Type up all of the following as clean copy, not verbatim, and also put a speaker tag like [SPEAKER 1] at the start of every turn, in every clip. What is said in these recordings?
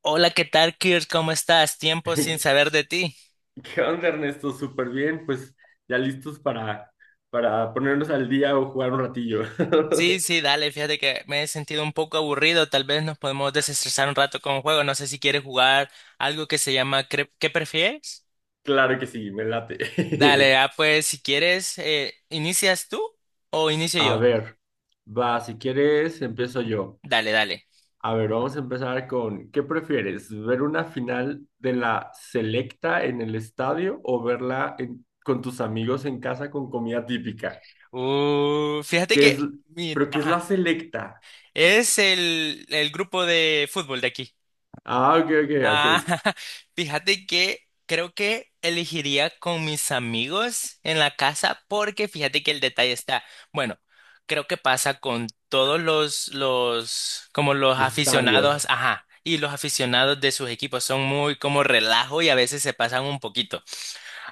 [SPEAKER 1] Hola, ¿qué tal, Kirk? ¿Cómo estás? Tiempo sin
[SPEAKER 2] ¿Qué
[SPEAKER 1] saber de ti.
[SPEAKER 2] onda, Ernesto? Súper bien, pues ya listos para ponernos al día o jugar un ratillo.
[SPEAKER 1] Sí, sí, dale, fíjate que me he sentido un poco aburrido. Tal vez nos podemos desestresar un rato con un juego. No sé si quieres jugar algo que se llama ¿Qué prefieres?
[SPEAKER 2] Claro que sí, me late.
[SPEAKER 1] Dale, pues si quieres, ¿inicias tú o inicio
[SPEAKER 2] A
[SPEAKER 1] yo?
[SPEAKER 2] ver, va, si quieres, empiezo yo.
[SPEAKER 1] Dale, dale.
[SPEAKER 2] A ver, vamos a empezar con, ¿qué prefieres? ¿Ver una final de la Selecta en el estadio o verla con tus amigos en casa con comida típica?
[SPEAKER 1] Fíjate
[SPEAKER 2] ¿Qué es,
[SPEAKER 1] que,
[SPEAKER 2] ¿pero qué es la
[SPEAKER 1] ajá,
[SPEAKER 2] Selecta?
[SPEAKER 1] es el grupo de fútbol de aquí.
[SPEAKER 2] Ah, ok, ok, ok.
[SPEAKER 1] Ah, fíjate que creo que elegiría con mis amigos en la casa porque fíjate que el detalle está, bueno, creo que pasa con todos como los aficionados,
[SPEAKER 2] Estadios.
[SPEAKER 1] ajá, y los aficionados de sus equipos son muy como relajo y a veces se pasan un poquito.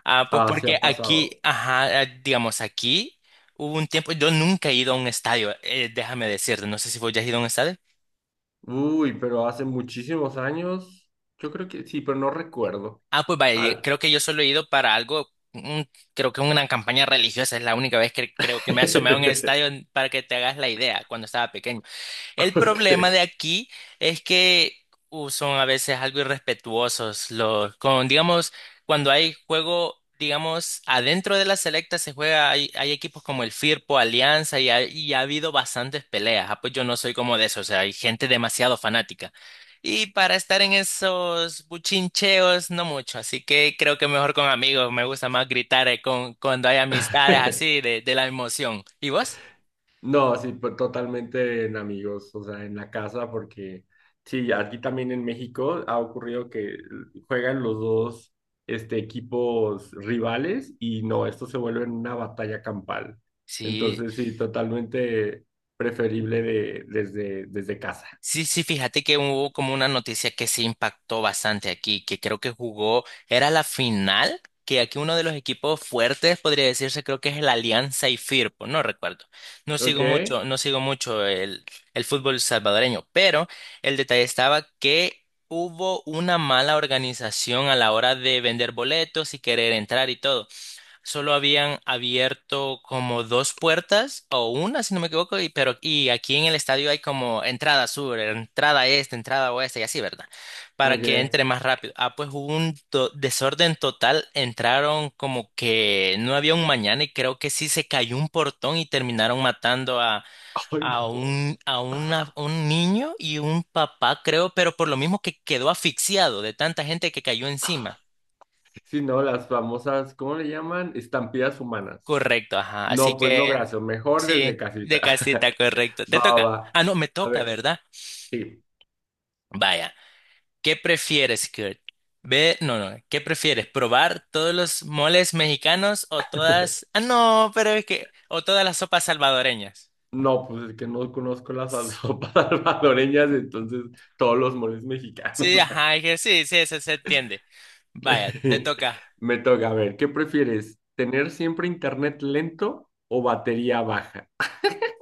[SPEAKER 1] Pues
[SPEAKER 2] Ah, se
[SPEAKER 1] porque
[SPEAKER 2] ha pasado.
[SPEAKER 1] aquí, ajá, digamos aquí hubo un tiempo, yo nunca he ido a un estadio, déjame decirte, no sé si vos ya has ido a un estadio.
[SPEAKER 2] Uy, pero hace muchísimos años. Yo creo que sí, pero no recuerdo.
[SPEAKER 1] Ah, pues vaya,
[SPEAKER 2] Al...
[SPEAKER 1] creo que yo solo he ido para algo, mm, creo que una campaña religiosa es la única vez que creo que me he asomado en el estadio para que te hagas la idea cuando estaba pequeño. El
[SPEAKER 2] Ok.
[SPEAKER 1] problema de aquí es que son a veces algo irrespetuosos los con digamos cuando hay juego, digamos adentro de la selecta se juega, hay equipos como el Firpo, Alianza, y ha habido bastantes peleas. Ah, pues yo no soy como de eso, o sea, hay gente demasiado fanática. Y para estar en esos buchincheos no mucho, así que creo que mejor con amigos, me gusta más gritar con cuando hay amistades así de la emoción. ¿Y vos?
[SPEAKER 2] No, sí, pues, totalmente en amigos, o sea, en la casa, porque sí, aquí también en México ha ocurrido que juegan los dos este, equipos rivales y no, esto se vuelve una batalla campal.
[SPEAKER 1] Sí,
[SPEAKER 2] Entonces, sí, totalmente preferible desde casa.
[SPEAKER 1] sí, sí, fíjate que hubo como una noticia que se impactó bastante aquí, que creo que jugó, era la final, que aquí uno de los equipos fuertes podría decirse, creo que es el Alianza y Firpo, no recuerdo.
[SPEAKER 2] Ok,
[SPEAKER 1] No sigo mucho el fútbol salvadoreño, pero el detalle estaba que hubo una mala organización a la hora de vender boletos y querer entrar y todo. Solo habían abierto como dos puertas o una, si no me equivoco, y, pero y aquí en el estadio hay como entrada sur, entrada este, entrada oeste y así, ¿verdad? Para que
[SPEAKER 2] ok.
[SPEAKER 1] entre más rápido. Ah, pues hubo un desorden total, entraron como que no había un mañana y creo que sí se cayó un portón y terminaron matando a,
[SPEAKER 2] Ay, no.
[SPEAKER 1] un niño y un papá, creo, pero por lo mismo que quedó asfixiado de tanta gente que cayó encima.
[SPEAKER 2] Sí, no, las famosas, ¿cómo le llaman? Estampillas humanas.
[SPEAKER 1] Correcto, ajá. Así
[SPEAKER 2] No, pues no,
[SPEAKER 1] que
[SPEAKER 2] gracias. Mejor desde
[SPEAKER 1] sí, de
[SPEAKER 2] casita.
[SPEAKER 1] casita, correcto. Te
[SPEAKER 2] Va, va,
[SPEAKER 1] toca.
[SPEAKER 2] va.
[SPEAKER 1] Ah, no, me
[SPEAKER 2] A
[SPEAKER 1] toca,
[SPEAKER 2] ver,
[SPEAKER 1] ¿verdad?
[SPEAKER 2] sí.
[SPEAKER 1] Vaya, ¿qué prefieres, Kurt? Ve, no, no, ¿qué prefieres? ¿Probar todos los moles mexicanos o todas... Ah, no, pero es que... o todas las sopas salvadoreñas?
[SPEAKER 2] No, pues es que no conozco las sopas salvadoreñas, entonces todos los moles
[SPEAKER 1] Sí,
[SPEAKER 2] mexicanos.
[SPEAKER 1] ajá, es que sí, sí, eso se entiende. Vaya, te toca.
[SPEAKER 2] Me toca, a ver, ¿qué prefieres? ¿Tener siempre internet lento o batería baja?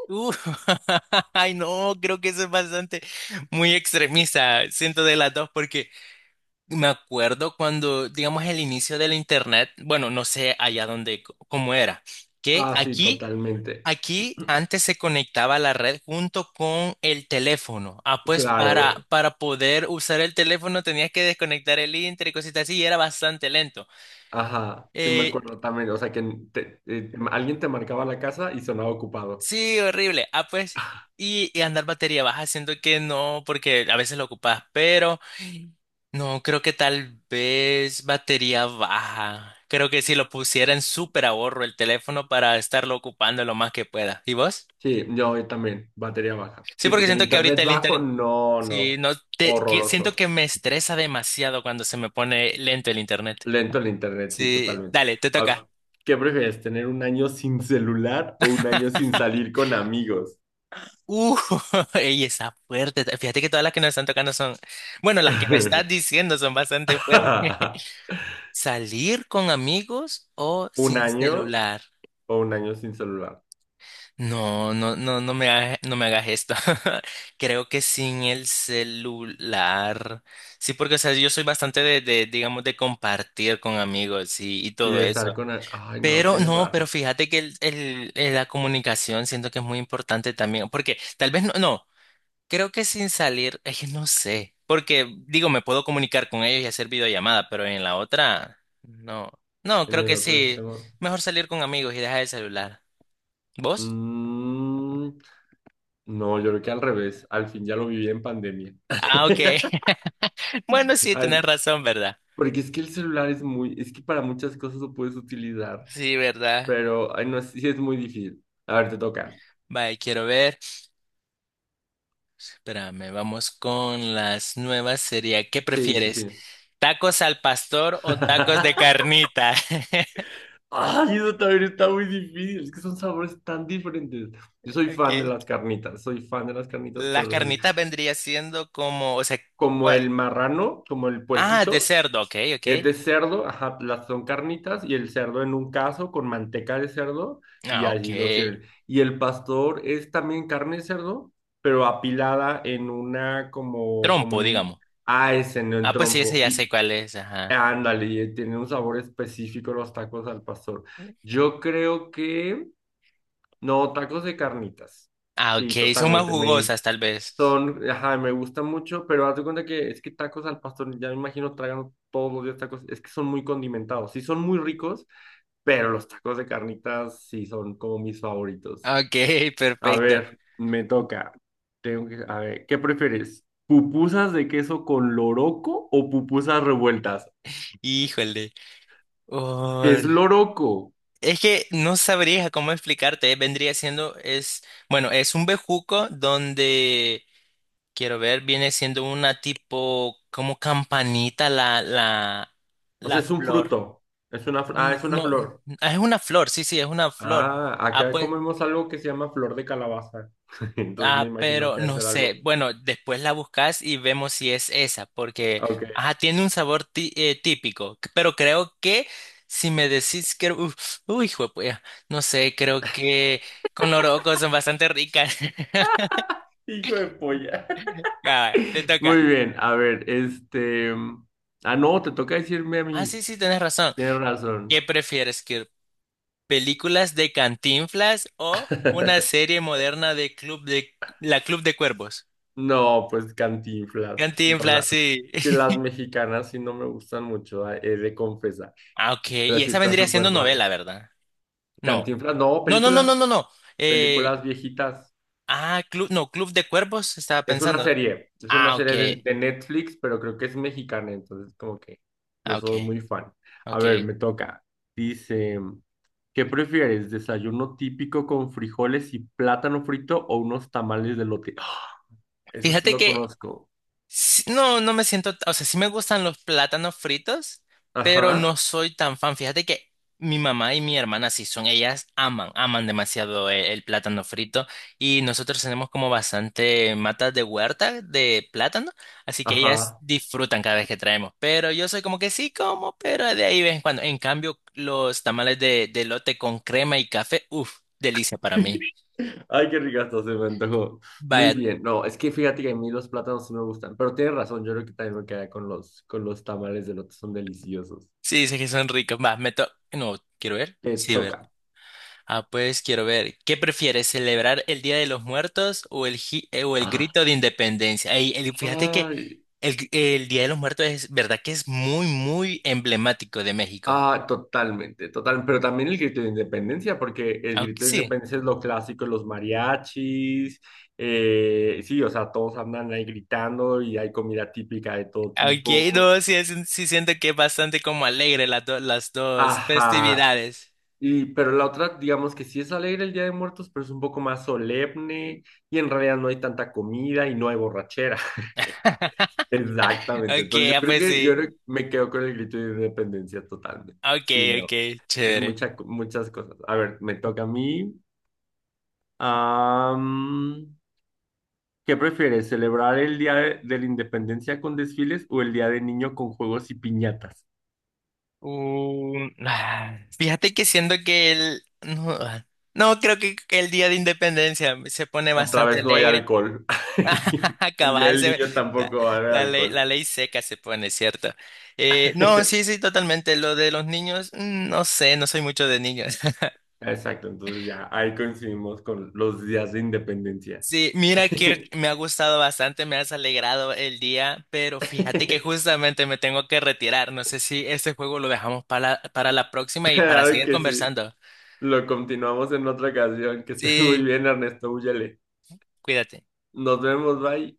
[SPEAKER 1] Uh, ay, no, creo que eso es bastante muy extremista. Siento de las dos porque me acuerdo cuando, digamos, el inicio del internet, bueno, no sé allá dónde, cómo era, que
[SPEAKER 2] Ah, sí,
[SPEAKER 1] aquí,
[SPEAKER 2] totalmente.
[SPEAKER 1] aquí antes se conectaba la red junto con el teléfono. Ah, pues
[SPEAKER 2] Claro.
[SPEAKER 1] para poder usar el teléfono tenías que desconectar el inter y cositas así, y era bastante lento.
[SPEAKER 2] Ajá, sí me
[SPEAKER 1] Eh,
[SPEAKER 2] acuerdo también. O sea, que alguien te marcaba la casa y sonaba ocupado.
[SPEAKER 1] sí, horrible. Ah, pues, y andar batería baja, siento que no, porque a veces lo ocupas, pero. No, creo que tal vez batería baja. Creo que si lo pusiera en súper ahorro el teléfono para estarlo ocupando lo más que pueda. ¿Y vos?
[SPEAKER 2] Sí, yo también, batería baja.
[SPEAKER 1] Sí,
[SPEAKER 2] Sí,
[SPEAKER 1] porque
[SPEAKER 2] porque el
[SPEAKER 1] siento que ahorita
[SPEAKER 2] internet
[SPEAKER 1] el
[SPEAKER 2] bajo,
[SPEAKER 1] internet...
[SPEAKER 2] no,
[SPEAKER 1] Sí,
[SPEAKER 2] no,
[SPEAKER 1] no, siento
[SPEAKER 2] horroroso.
[SPEAKER 1] que me estresa demasiado cuando se me pone lento el internet.
[SPEAKER 2] Lento el internet, sí,
[SPEAKER 1] Sí,
[SPEAKER 2] totalmente.
[SPEAKER 1] dale, te toca.
[SPEAKER 2] Ah, ¿qué prefieres, tener un año sin celular o un año sin salir con amigos?
[SPEAKER 1] Uh, ey, está fuerte. Fíjate que todas las que nos están tocando son, bueno, las que me estás diciendo son bastante fuertes. ¿Salir con amigos o
[SPEAKER 2] ¿Un
[SPEAKER 1] sin
[SPEAKER 2] año
[SPEAKER 1] celular?
[SPEAKER 2] o un año sin celular?
[SPEAKER 1] No, no, no, no me hagas esto. Creo que sin el celular. Sí, porque, o sea, yo soy bastante digamos, de compartir con amigos y
[SPEAKER 2] Y
[SPEAKER 1] todo
[SPEAKER 2] de estar
[SPEAKER 1] eso.
[SPEAKER 2] con... a- Ay, no,
[SPEAKER 1] Pero
[SPEAKER 2] tiene
[SPEAKER 1] no, pero
[SPEAKER 2] raro.
[SPEAKER 1] fíjate que la comunicación siento que es muy importante también, porque tal vez creo que sin salir, es que no sé, porque digo, me puedo comunicar con ellos y hacer videollamada, pero en la otra, no, no,
[SPEAKER 2] En
[SPEAKER 1] creo
[SPEAKER 2] el
[SPEAKER 1] que
[SPEAKER 2] otro
[SPEAKER 1] sí,
[SPEAKER 2] extremo.
[SPEAKER 1] mejor salir con amigos y dejar el celular. ¿Vos?
[SPEAKER 2] Mm, no, yo creo que al revés. Al fin ya lo viví en pandemia.
[SPEAKER 1] Ah, ok. Bueno, sí, tenés
[SPEAKER 2] Al-
[SPEAKER 1] razón, ¿verdad?
[SPEAKER 2] Porque es que el celular es muy, es que para muchas cosas lo puedes utilizar,
[SPEAKER 1] Sí, ¿verdad?
[SPEAKER 2] pero ay, no, es- sí es muy difícil. A ver, te toca.
[SPEAKER 1] Vaya, quiero ver. Espérame, vamos con las nuevas. Sería, ¿qué
[SPEAKER 2] Sí, sí,
[SPEAKER 1] prefieres?
[SPEAKER 2] sí.
[SPEAKER 1] ¿Tacos al pastor o tacos de carnita?
[SPEAKER 2] Ay, eso también está muy difícil, es que son sabores tan diferentes. Yo soy fan de
[SPEAKER 1] Okay.
[SPEAKER 2] las carnitas, soy fan de las carnitas,
[SPEAKER 1] Las
[SPEAKER 2] pero las-
[SPEAKER 1] carnitas vendría siendo como, o sea,
[SPEAKER 2] como
[SPEAKER 1] cua-
[SPEAKER 2] el marrano, como el
[SPEAKER 1] de
[SPEAKER 2] puerquito.
[SPEAKER 1] cerdo, ok, ok.
[SPEAKER 2] Es de cerdo, ajá, las son carnitas y el cerdo en un caso con manteca de cerdo y
[SPEAKER 1] Ah, ok.
[SPEAKER 2] allí lo tienen. Y el pastor es también carne de cerdo, pero apilada en una como, como
[SPEAKER 1] Trompo,
[SPEAKER 2] en un...
[SPEAKER 1] digamos.
[SPEAKER 2] Ah, ese no en
[SPEAKER 1] Ah, pues sí, ese
[SPEAKER 2] trompo.
[SPEAKER 1] ya
[SPEAKER 2] Y
[SPEAKER 1] sé cuál es, ajá.
[SPEAKER 2] ándale, y tiene un sabor específico los tacos al pastor. Yo creo que... No, tacos de carnitas.
[SPEAKER 1] Ah,
[SPEAKER 2] Sí,
[SPEAKER 1] ok, son más
[SPEAKER 2] totalmente. Me
[SPEAKER 1] jugosas tal vez.
[SPEAKER 2] son, ajá, me gustan mucho, pero haz de cuenta que es que tacos al pastor, ya me imagino tragan todos los días tacos, es que son muy condimentados, sí son muy ricos, pero los tacos de carnitas sí son como mis favoritos.
[SPEAKER 1] Ok,
[SPEAKER 2] A
[SPEAKER 1] perfecto.
[SPEAKER 2] ver, me toca. Tengo que, a ver, ¿qué prefieres? ¿Pupusas de queso con loroco o pupusas revueltas?
[SPEAKER 1] Híjole.
[SPEAKER 2] ¿Qué es
[SPEAKER 1] Oh.
[SPEAKER 2] loroco?
[SPEAKER 1] Es que no sabría cómo explicarte, vendría siendo, es, bueno, es un bejuco donde, quiero ver, viene siendo una tipo, como campanita
[SPEAKER 2] O sea,
[SPEAKER 1] la
[SPEAKER 2] es un
[SPEAKER 1] flor.
[SPEAKER 2] fruto, es una,
[SPEAKER 1] Mm,
[SPEAKER 2] es una
[SPEAKER 1] No, mm,
[SPEAKER 2] flor.
[SPEAKER 1] ah, Es una flor, sí, sí, es una flor.
[SPEAKER 2] Ah,
[SPEAKER 1] Ah,
[SPEAKER 2] acá
[SPEAKER 1] pues,
[SPEAKER 2] comemos algo que se llama flor de calabaza, entonces me
[SPEAKER 1] ah,
[SPEAKER 2] imagino
[SPEAKER 1] pero
[SPEAKER 2] que debe
[SPEAKER 1] no
[SPEAKER 2] ser algo.
[SPEAKER 1] sé. Bueno, después la buscas y vemos si es esa, porque,
[SPEAKER 2] Ok.
[SPEAKER 1] ajá, tiene un sabor típico, pero creo que si me decís que, uf, uy, hijo de puya, no sé, creo que con loroco son bastante ricas.
[SPEAKER 2] Hijo de polla.
[SPEAKER 1] Ya, te
[SPEAKER 2] Muy
[SPEAKER 1] toca.
[SPEAKER 2] bien, a ver, este... Ah, no, te toca decirme a
[SPEAKER 1] Ah,
[SPEAKER 2] mí.
[SPEAKER 1] sí, sí, tienes razón.
[SPEAKER 2] Tienes
[SPEAKER 1] ¿Qué
[SPEAKER 2] razón.
[SPEAKER 1] prefieres, que películas de Cantinflas o una serie moderna de Club de Cuervos?
[SPEAKER 2] No, pues Cantinflas. No
[SPEAKER 1] Cantinflas,
[SPEAKER 2] la...
[SPEAKER 1] sí.
[SPEAKER 2] Que las mexicanas sí no me gustan mucho, he de confesar.
[SPEAKER 1] Ah, ok.
[SPEAKER 2] Pero
[SPEAKER 1] Y
[SPEAKER 2] sí
[SPEAKER 1] esa
[SPEAKER 2] está
[SPEAKER 1] vendría siendo
[SPEAKER 2] súper padre.
[SPEAKER 1] novela, ¿verdad? No.
[SPEAKER 2] Cantinflas, no,
[SPEAKER 1] No, no, no, no,
[SPEAKER 2] películas.
[SPEAKER 1] no, no. Eh,
[SPEAKER 2] Películas viejitas.
[SPEAKER 1] Club de Cuervos, estaba
[SPEAKER 2] Es una
[SPEAKER 1] pensando.
[SPEAKER 2] serie. Es una
[SPEAKER 1] Ah, ok,
[SPEAKER 2] serie de Netflix, pero creo que es mexicana, entonces como que
[SPEAKER 1] ah,
[SPEAKER 2] no
[SPEAKER 1] ok,
[SPEAKER 2] soy muy fan. A
[SPEAKER 1] ok.
[SPEAKER 2] ver, me toca. Dice... ¿Qué prefieres? ¿Desayuno típico con frijoles y plátano frito o unos tamales de lote? ¡Ah! Eso sí
[SPEAKER 1] Fíjate
[SPEAKER 2] lo
[SPEAKER 1] que
[SPEAKER 2] conozco.
[SPEAKER 1] sí, no, no me siento, o sea, sí me gustan los plátanos fritos, pero no
[SPEAKER 2] Ajá,
[SPEAKER 1] soy tan fan. Fíjate que mi mamá y mi hermana sí son, ellas aman, aman demasiado el plátano frito y nosotros tenemos como bastante matas de huerta de plátano, así que ellas
[SPEAKER 2] ajá.
[SPEAKER 1] disfrutan cada vez que traemos, pero yo soy como que sí como, pero de ahí de vez en cuando. En cambio, los tamales de elote con crema y café, uff, delicia para mí.
[SPEAKER 2] Ay, qué ricazo se me antojó. Muy
[SPEAKER 1] Vaya,
[SPEAKER 2] bien. No, es que fíjate que a mí los plátanos sí me gustan, pero tienes razón, yo creo que también me quedaría con con los tamales de lote, son deliciosos.
[SPEAKER 1] sí, dice que son ricos. Va, me to... No, quiero ver.
[SPEAKER 2] Te
[SPEAKER 1] Sí, ver.
[SPEAKER 2] toca.
[SPEAKER 1] Ah, pues quiero ver, ¿qué prefieres, celebrar el Día de los Muertos o o el
[SPEAKER 2] Ah,
[SPEAKER 1] grito de independencia? Ey, fíjate que
[SPEAKER 2] ay,
[SPEAKER 1] el Día de los Muertos es verdad que es muy, muy emblemático de México.
[SPEAKER 2] ah, totalmente, total, pero también el grito de independencia, porque el
[SPEAKER 1] Aunque
[SPEAKER 2] grito de
[SPEAKER 1] sí,
[SPEAKER 2] independencia es lo clásico, los mariachis, sí, o sea, todos andan ahí gritando y hay comida típica de todo
[SPEAKER 1] aunque
[SPEAKER 2] tipo.
[SPEAKER 1] no, sí, es un- sí siento que es bastante como alegre las dos
[SPEAKER 2] Ajá,
[SPEAKER 1] festividades.
[SPEAKER 2] y pero la otra, digamos que sí es alegre el Día de Muertos, pero es un poco más solemne y en realidad no hay tanta comida y no hay borrachera. Exactamente,
[SPEAKER 1] Ok,
[SPEAKER 2] entonces yo
[SPEAKER 1] ah,
[SPEAKER 2] creo
[SPEAKER 1] pues
[SPEAKER 2] que yo creo
[SPEAKER 1] sí.
[SPEAKER 2] que me quedo con el grito de independencia totalmente.
[SPEAKER 1] Ok,
[SPEAKER 2] Sí, no,
[SPEAKER 1] ok,
[SPEAKER 2] es
[SPEAKER 1] chévere.
[SPEAKER 2] mucha, co- muchas cosas. A ver, me toca a mí. Am, ¿Qué prefieres? ¿Celebrar el Día de la Independencia con desfiles o el Día del Niño con juegos y piñatas?
[SPEAKER 1] Fíjate que siento que el... No, ah, no, creo que el día de independencia se pone
[SPEAKER 2] Otra
[SPEAKER 1] bastante
[SPEAKER 2] vez no hay
[SPEAKER 1] alegre.
[SPEAKER 2] alcohol. El día
[SPEAKER 1] Cabal,
[SPEAKER 2] del niño
[SPEAKER 1] la,
[SPEAKER 2] tampoco va a haber
[SPEAKER 1] la
[SPEAKER 2] alcohol.
[SPEAKER 1] ley seca se pone, ¿cierto? No, sí, sí, totalmente. Lo de los niños, mm, no sé, no soy mucho de niños.
[SPEAKER 2] Exacto, entonces ya ahí coincidimos con los días de independencia.
[SPEAKER 1] Sí, mira que me ha gustado bastante, me has alegrado el día, pero fíjate que justamente me tengo que retirar. No sé si este juego lo dejamos para la próxima y para
[SPEAKER 2] Claro
[SPEAKER 1] seguir
[SPEAKER 2] que sí.
[SPEAKER 1] conversando.
[SPEAKER 2] Lo continuamos en otra ocasión. Que estés muy
[SPEAKER 1] Sí,
[SPEAKER 2] bien, Ernesto. Úyale.
[SPEAKER 1] cuídate.
[SPEAKER 2] Nos vemos, bye.